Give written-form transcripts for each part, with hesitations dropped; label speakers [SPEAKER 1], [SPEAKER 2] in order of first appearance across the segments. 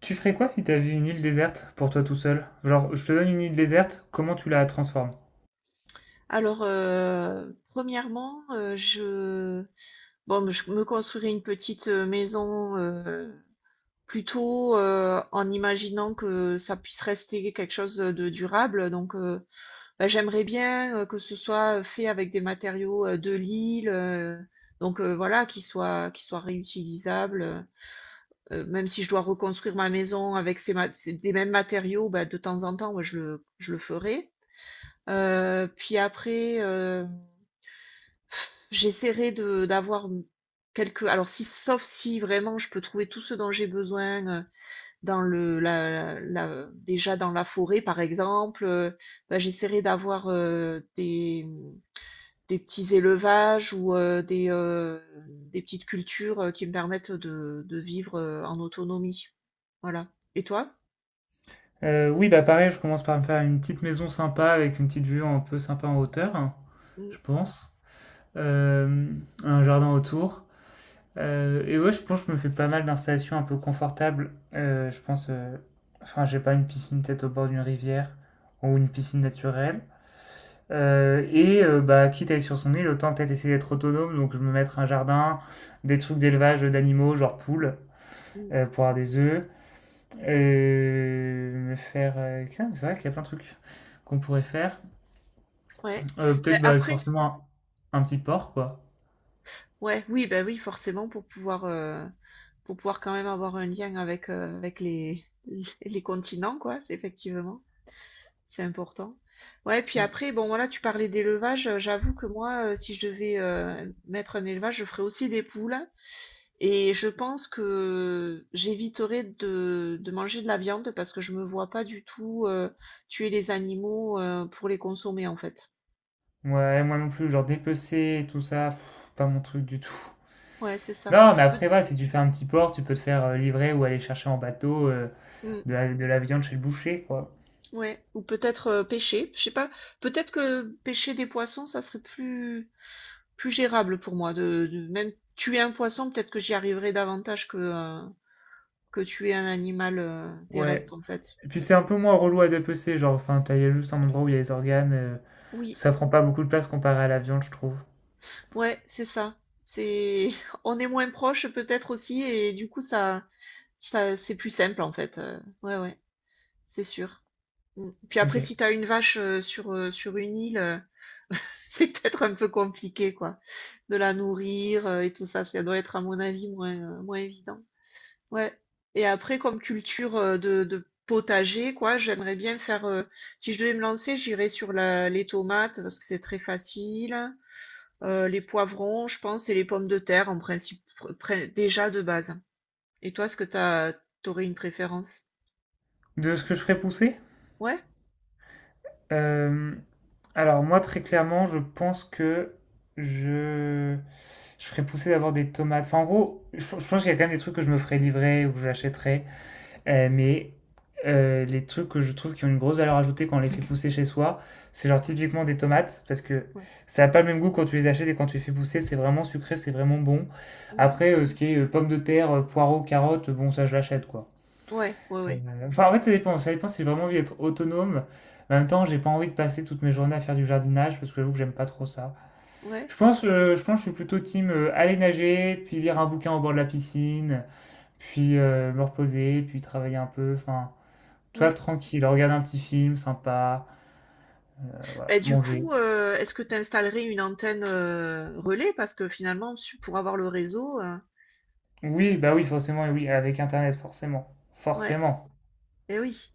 [SPEAKER 1] Tu ferais quoi si t'avais une île déserte pour toi tout seul? Genre, je te donne une île déserte, comment tu la transformes?
[SPEAKER 2] Premièrement, bon, je me construirai une petite maison plutôt en imaginant que ça puisse rester quelque chose de durable. Bah, j'aimerais bien que ce soit fait avec des matériaux de l'île, voilà, qui soient réutilisables. Même si je dois reconstruire ma maison avec des mêmes matériaux, bah, de temps en temps, moi, je le ferai. Puis après. J'essaierai de d'avoir quelques alors si sauf si vraiment je peux trouver tout ce dont j'ai besoin, dans le la la la- déjà dans la forêt par exemple, bah, j'essaierai d'avoir, des petits élevages ou, des petites cultures, qui me permettent de vivre, en autonomie. Voilà. Et toi?
[SPEAKER 1] Oui, bah pareil, je commence par me faire une petite maison sympa avec une petite vue un peu sympa en hauteur, hein,
[SPEAKER 2] Mmh.
[SPEAKER 1] je pense. Euh, un jardin autour. Et ouais, je pense que je me fais pas mal d'installations un peu confortables. Je pense, enfin, j'ai pas une piscine peut-être au bord d'une rivière ou une piscine naturelle. Et bah, quitte à être sur son île, autant peut-être essayer d'être autonome, donc je me mettre un jardin, des trucs d'élevage, d'animaux, genre poules,
[SPEAKER 2] Mh.
[SPEAKER 1] pour avoir des œufs. heu, me faire, heu, c'est vrai qu'il y a plein de trucs qu'on pourrait faire.
[SPEAKER 2] Ouais. Bah,
[SPEAKER 1] Peut-être, bah,
[SPEAKER 2] après.
[SPEAKER 1] forcément un petit porc, quoi.
[SPEAKER 2] Ouais, oui, bah oui, forcément, pour pouvoir quand même avoir un lien avec, avec les les continents, quoi, c'est effectivement, c'est important. Ouais, puis
[SPEAKER 1] Mmh.
[SPEAKER 2] après, bon, voilà, tu parlais d'élevage, j'avoue que moi, si je devais, mettre un élevage, je ferais aussi des poules et je pense que j'éviterais de manger de la viande parce que je me vois pas du tout, tuer les animaux, pour les consommer, en fait.
[SPEAKER 1] Ouais, moi non plus, genre dépecer et tout ça, pff, pas mon truc du tout.
[SPEAKER 2] Ouais, c'est ça.
[SPEAKER 1] Non, mais
[SPEAKER 2] Peut.
[SPEAKER 1] après va si tu fais un petit porc, tu peux te faire, livrer ou aller chercher en bateau,
[SPEAKER 2] Mmh.
[SPEAKER 1] de la viande chez le boucher, quoi.
[SPEAKER 2] Ouais, ou peut-être pêcher, je sais pas, peut-être que pêcher des poissons, ça serait plus plus gérable pour moi même tuer un poisson, peut-être que j'y arriverais davantage que tuer un animal
[SPEAKER 1] Ouais.
[SPEAKER 2] terrestre en fait.
[SPEAKER 1] Et puis c'est un peu moins relou à dépecer, genre, enfin, t'as il y a juste un endroit où il y a les organes,
[SPEAKER 2] Oui,
[SPEAKER 1] ça prend pas beaucoup de place comparé à la viande, je trouve.
[SPEAKER 2] ouais, c'est ça. C'est on est moins proche peut-être aussi et du coup ça c'est plus simple en fait. Ouais, ouais, c'est sûr. Mm. Puis
[SPEAKER 1] Ok.
[SPEAKER 2] après si t'as une vache sur sur une île c'est peut-être un peu compliqué, quoi, de la nourrir, et tout ça. Ça doit être, à mon avis, moins, moins évident. Ouais. Et après, comme culture, de potager, quoi, j'aimerais bien faire, si je devais me lancer, j'irais sur la les tomates parce que c'est très facile, les poivrons, je pense et les pommes de terre, en principe, pr pré déjà de base. Et toi, est-ce que tu as une préférence?
[SPEAKER 1] De ce que je ferais pousser?
[SPEAKER 2] Ouais?
[SPEAKER 1] Euh, Alors, moi, très clairement, je pense que je, je ferais pousser d'abord des tomates. Enfin, en gros, je pense qu'il y a quand même des trucs que je me ferais livrer ou que j'achèterais. Mais les trucs que je trouve qui ont une grosse valeur ajoutée quand on les fait pousser chez soi, c'est genre typiquement des tomates, parce que
[SPEAKER 2] Ouais.
[SPEAKER 1] ça n'a pas le même goût quand tu les achètes et quand tu les fais pousser, c'est vraiment sucré, c'est vraiment bon.
[SPEAKER 2] Mmh.
[SPEAKER 1] Après, ce qui est pommes de terre, poireaux, carottes, bon, ça je l'achète quoi.
[SPEAKER 2] Ouais, ouais, ouais.
[SPEAKER 1] Euh, Enfin, en fait, ça dépend. Ça dépend si j'ai vraiment envie d'être autonome. En même temps, j'ai pas envie de passer toutes mes journées à faire du jardinage parce que j'avoue que j'aime pas trop ça.
[SPEAKER 2] Ouais,
[SPEAKER 1] Je pense que je suis plutôt team aller nager, puis lire un bouquin au bord de la piscine, puis me reposer, puis travailler un peu. Enfin, toi
[SPEAKER 2] ouais.
[SPEAKER 1] tranquille, regarde un petit film sympa, voilà,
[SPEAKER 2] Bah, du
[SPEAKER 1] manger.
[SPEAKER 2] coup, est-ce que tu installerais une antenne, relais? Parce que finalement, su pour avoir le réseau,
[SPEAKER 1] Oui, bah oui, forcément, oui, avec Internet, forcément.
[SPEAKER 2] ouais,
[SPEAKER 1] Forcément.
[SPEAKER 2] et oui.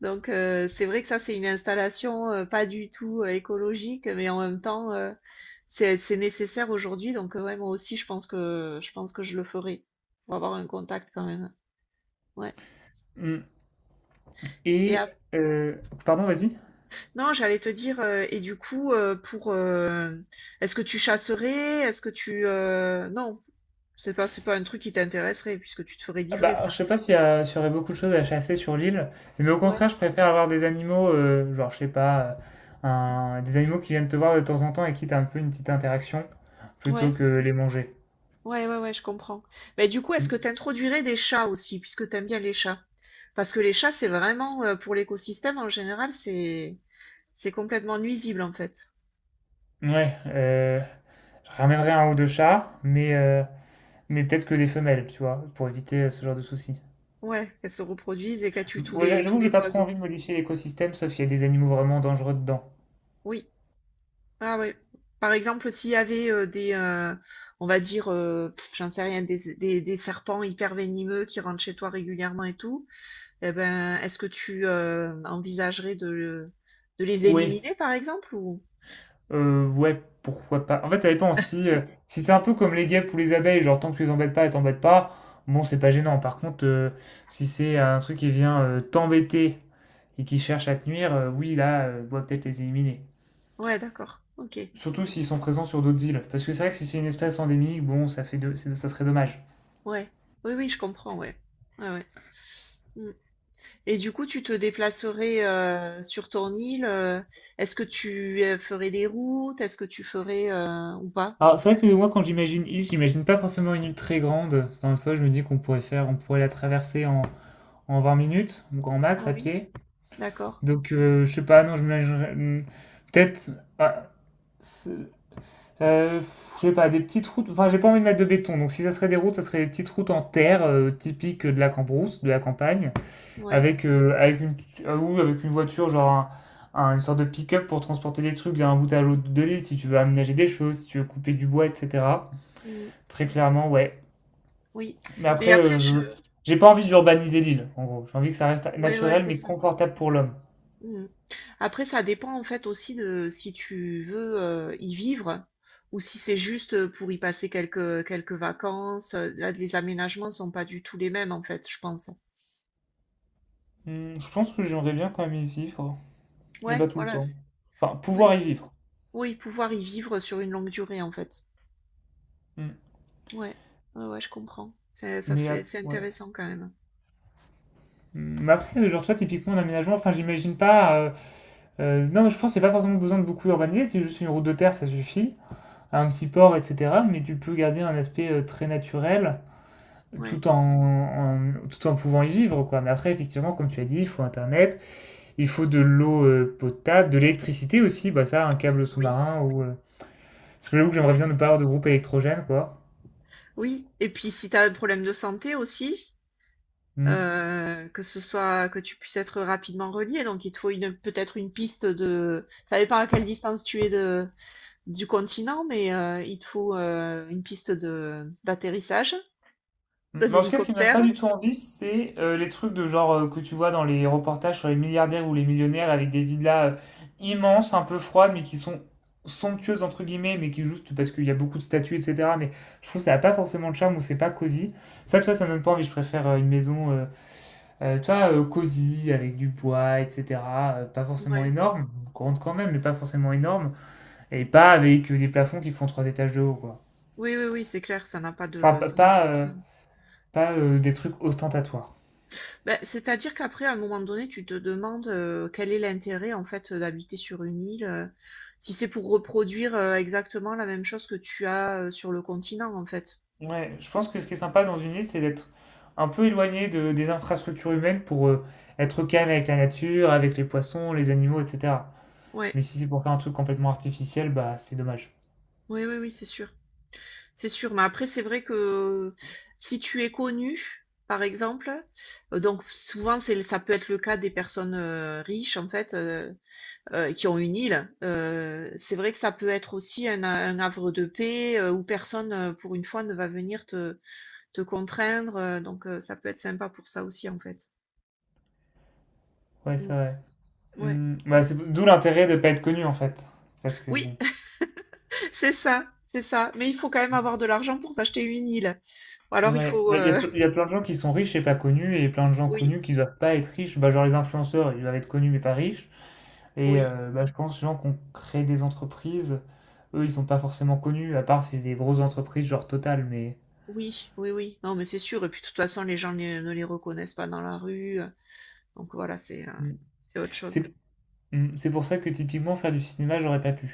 [SPEAKER 2] Donc c'est vrai que ça, c'est une installation, pas du tout, écologique, mais en même temps, c'est nécessaire aujourd'hui. Donc ouais, moi aussi, je pense que je le ferai pour avoir un contact quand même. Ouais.
[SPEAKER 1] Mm.
[SPEAKER 2] et
[SPEAKER 1] Et,
[SPEAKER 2] ap
[SPEAKER 1] euh, Pardon, vas-y.
[SPEAKER 2] Non, j'allais te dire, et du coup, est-ce que tu chasserais? Est-ce que tu, non, c'est pas un truc qui t'intéresserait puisque tu te ferais
[SPEAKER 1] Ah
[SPEAKER 2] livrer
[SPEAKER 1] bah,
[SPEAKER 2] ça?
[SPEAKER 1] je sais pas s'il y aurait beaucoup de choses à chasser sur l'île, mais au
[SPEAKER 2] Ouais,
[SPEAKER 1] contraire, je préfère avoir des animaux, genre, je sais pas, des animaux qui viennent te voir de temps en temps et qui t'ont un peu une petite interaction, plutôt
[SPEAKER 2] ouais,
[SPEAKER 1] que les manger.
[SPEAKER 2] ouais, ouais, ouais, je comprends. Mais du coup, est-ce
[SPEAKER 1] Mm.
[SPEAKER 2] que tu introduirais des chats aussi, puisque tu aimes bien les chats? Parce que les chats, c'est vraiment, pour l'écosystème en général, c'est complètement nuisible en fait.
[SPEAKER 1] Ouais, je ramènerai un ou deux chats, mais peut-être que des femelles, tu vois, pour éviter ce genre de soucis.
[SPEAKER 2] Ouais, qu'elles se reproduisent et qu'elles tuent
[SPEAKER 1] Ouais, j'a-
[SPEAKER 2] tous
[SPEAKER 1] J'avoue que j'ai
[SPEAKER 2] les
[SPEAKER 1] pas trop
[SPEAKER 2] oiseaux.
[SPEAKER 1] envie de modifier l'écosystème, sauf s'il y a des animaux vraiment dangereux dedans.
[SPEAKER 2] Oui. Ah ouais. Par exemple, s'il y avait on va dire, j'en sais rien, des serpents hyper venimeux qui rentrent chez toi régulièrement et tout, eh ben, est-ce que tu envisagerais de les
[SPEAKER 1] Oui.
[SPEAKER 2] éliminer, par exemple, ou...
[SPEAKER 1] Ouais, pourquoi pas. En fait, ça dépend. Si c'est un peu comme les guêpes ou les abeilles, genre tant que tu les embêtes pas, elles t'embêtent pas, bon, c'est pas gênant. Par contre, si c'est un truc qui vient t'embêter et qui cherche à te nuire, oui, là, on doit peut-être les éliminer.
[SPEAKER 2] Ouais, d'accord. OK.
[SPEAKER 1] Surtout s'ils sont présents sur d'autres îles. Parce que c'est vrai que si c'est une espèce endémique, bon, ça serait dommage.
[SPEAKER 2] Ouais. Oui, oui, je comprends, ouais. Ouais, ouais. Mm. Et du coup, tu te déplacerais sur ton île. Est-ce que tu ferais des routes? Est-ce que tu ferais ou pas?
[SPEAKER 1] Alors, c'est vrai que moi, quand j'imagine île, j'imagine pas forcément une île très grande. Encore une fois, je me dis on pourrait la traverser en 20 minutes, au grand max,
[SPEAKER 2] Ah
[SPEAKER 1] à
[SPEAKER 2] oui,
[SPEAKER 1] pied.
[SPEAKER 2] d'accord.
[SPEAKER 1] Donc, je sais pas, non, je me peut-être, ah, c'est- euh, je sais pas, des petites routes. Enfin, j'ai pas envie de mettre de béton. Donc, si ça serait des routes, ça serait des petites routes en terre, typiques de la cambrousse, de la campagne,
[SPEAKER 2] Ouais.
[SPEAKER 1] avec, euh, avec une, oui, avec une voiture, genre une sorte de pick-up pour transporter des trucs d'un bout à l'autre de l'île, si tu veux aménager des choses, si tu veux couper du bois, etc.
[SPEAKER 2] Mm.
[SPEAKER 1] Très clairement, ouais.
[SPEAKER 2] Oui.
[SPEAKER 1] Mais
[SPEAKER 2] Mais
[SPEAKER 1] après,
[SPEAKER 2] après, je.
[SPEAKER 1] j'ai pas envie d'urbaniser l'île, en gros. J'ai envie que ça reste
[SPEAKER 2] Ouais, ouais,
[SPEAKER 1] naturel,
[SPEAKER 2] c'est
[SPEAKER 1] mais
[SPEAKER 2] ça.
[SPEAKER 1] confortable pour l'homme.
[SPEAKER 2] Mm. Après, ça dépend en fait aussi de si tu veux y vivre ou si c'est juste pour y passer quelques vacances. Là, les aménagements sont pas du tout les mêmes en fait, je pense.
[SPEAKER 1] Je pense que j'aimerais bien quand même y vivre, mais
[SPEAKER 2] Ouais,
[SPEAKER 1] pas tout le
[SPEAKER 2] voilà.
[SPEAKER 1] temps. Enfin, pouvoir
[SPEAKER 2] Oui,
[SPEAKER 1] y vivre.
[SPEAKER 2] oui, pouvoir y vivre sur une longue durée en fait.
[SPEAKER 1] Hmm.
[SPEAKER 2] Ouais, ouais, ouais, je comprends.
[SPEAKER 1] Mais,
[SPEAKER 2] C'est
[SPEAKER 1] ouais.
[SPEAKER 2] intéressant quand même.
[SPEAKER 1] Mais après, genre toi, typiquement, l'aménagement, enfin, j'imagine pas... non, je pense que c'est pas forcément besoin de beaucoup urbaniser, c'est juste une route de terre, ça suffit, un petit port, etc. Mais tu peux garder un aspect très naturel
[SPEAKER 2] Ouais,
[SPEAKER 1] tout tout en pouvant y vivre, quoi. Mais après, effectivement, comme tu as dit, il faut Internet, il faut de l'eau potable, de l'électricité aussi, bah ça, un câble
[SPEAKER 2] oui,
[SPEAKER 1] sous-marin ou. Parce que j'avoue que j'aimerais bien
[SPEAKER 2] ouais,
[SPEAKER 1] ne pas avoir de groupe électrogène, quoi.
[SPEAKER 2] oui. Et puis si tu as un problème de santé aussi,
[SPEAKER 1] Hmm.
[SPEAKER 2] que ce soit que tu puisses être rapidement relié, donc il te faut une peut-être une piste de, ça dépend à quelle distance tu es de du continent, mais il te faut une piste de d'atterrissage
[SPEAKER 1] Mm.
[SPEAKER 2] d'un
[SPEAKER 1] Mais en tout cas, ce qui me donne
[SPEAKER 2] hélicoptère.
[SPEAKER 1] pas du tout envie, c'est les trucs de genre que tu vois dans les reportages sur les milliardaires ou les millionnaires avec des villas immenses, un peu froides, mais qui sont somptueuses entre guillemets, mais qui juste parce qu'il y a beaucoup de statues, etc. Mais je trouve que ça n'a pas forcément de charme ou c'est pas cosy. Ça, tu vois, ça me donne pas envie. Je préfère une maison, tu vois, cosy avec du bois, etc. Pas forcément
[SPEAKER 2] Ouais.
[SPEAKER 1] énorme, grande quand même, mais pas forcément énorme, et pas avec des plafonds qui font trois étages de haut, quoi.
[SPEAKER 2] Oui, oui, oui, c'est clair, ça n'a pas
[SPEAKER 1] Enfin,
[SPEAKER 2] de,
[SPEAKER 1] pas,
[SPEAKER 2] ça n'a,
[SPEAKER 1] pas, euh,
[SPEAKER 2] ça-
[SPEAKER 1] pas, euh, des trucs ostentatoires.
[SPEAKER 2] Bah, c'est-à-dire qu'après, à un moment donné, tu te demandes quel est l'intérêt en fait d'habiter sur une île, si c'est pour reproduire exactement la même chose que tu as sur le continent en fait.
[SPEAKER 1] Ouais, je pense que ce qui est sympa dans une île, c'est d'être un peu éloigné des infrastructures humaines pour être calme avec la nature, avec les poissons, les animaux, etc.
[SPEAKER 2] Ouais,
[SPEAKER 1] Mais si c'est pour faire un truc complètement artificiel, bah c'est dommage.
[SPEAKER 2] oui, oui, oui, c'est sûr, c'est sûr. Mais après, c'est vrai que si tu es connu, par exemple, donc souvent c'est ça peut être le cas des personnes riches en fait qui ont une île. C'est vrai que ça peut être aussi un havre de paix où personne pour une fois ne va venir te contraindre. Donc, ça peut être sympa pour ça aussi, en fait.
[SPEAKER 1] Ouais,
[SPEAKER 2] Mm,
[SPEAKER 1] c'est vrai.
[SPEAKER 2] ouais.
[SPEAKER 1] Bah, c'est d'où l'intérêt de pas être connu en fait. Parce que
[SPEAKER 2] Oui,
[SPEAKER 1] bon.
[SPEAKER 2] c'est ça, c'est ça. Mais il faut quand même avoir de l'argent pour s'acheter une île. Ou alors, il
[SPEAKER 1] Ouais,
[SPEAKER 2] faut.
[SPEAKER 1] bah,
[SPEAKER 2] euh,
[SPEAKER 1] il y a plein de gens qui sont riches et pas connus, et plein de gens
[SPEAKER 2] Oui,
[SPEAKER 1] connus qui doivent pas être riches. Bah, genre les influenceurs, ils doivent être connus mais pas riches. Et
[SPEAKER 2] oui,
[SPEAKER 1] bah, je pense les gens qui ont créé des entreprises, eux, ils sont pas forcément connus, à part si c'est des grosses entreprises genre Total, mais.
[SPEAKER 2] oui, oui, oui. Non, mais c'est sûr. Et puis, de toute façon, les gens ne les reconnaissent pas dans la rue. Donc, voilà,
[SPEAKER 1] Mm.
[SPEAKER 2] c'est autre chose.
[SPEAKER 1] C'est c'est pour ça que typiquement faire du cinéma, j'aurais pas pu.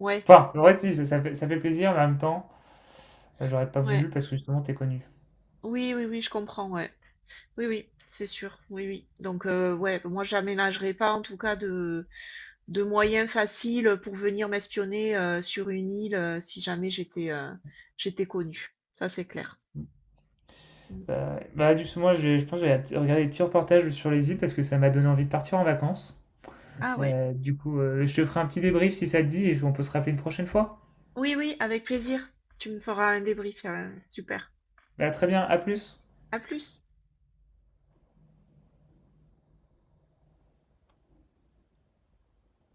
[SPEAKER 2] Ouais,
[SPEAKER 1] Enfin, en vrai, si, ça fait plaisir, mais en même temps, j'aurais pas
[SPEAKER 2] ouais.
[SPEAKER 1] voulu parce que justement, t'es connu.
[SPEAKER 2] Oui, oui, oui, je comprends, ouais. Oui, oui, c'est sûr. Oui, oui. Donc, ouais, moi, j'aménagerai pas, en tout cas, de moyens faciles pour venir m'espionner sur une île si jamais j'étais connue. Ça, c'est clair. Mm.
[SPEAKER 1] Bah, justement, je pense que je vais regarder des petits reportages sur les îles parce que ça m'a donné envie de partir en vacances.
[SPEAKER 2] Ah ouais.
[SPEAKER 1] Du coup, je te ferai un petit débrief si ça te dit et on peut se rappeler une prochaine fois.
[SPEAKER 2] Oui, oui, avec plaisir. Tu me feras un débrief. Super.
[SPEAKER 1] Bah, très bien, à plus.
[SPEAKER 2] À plus.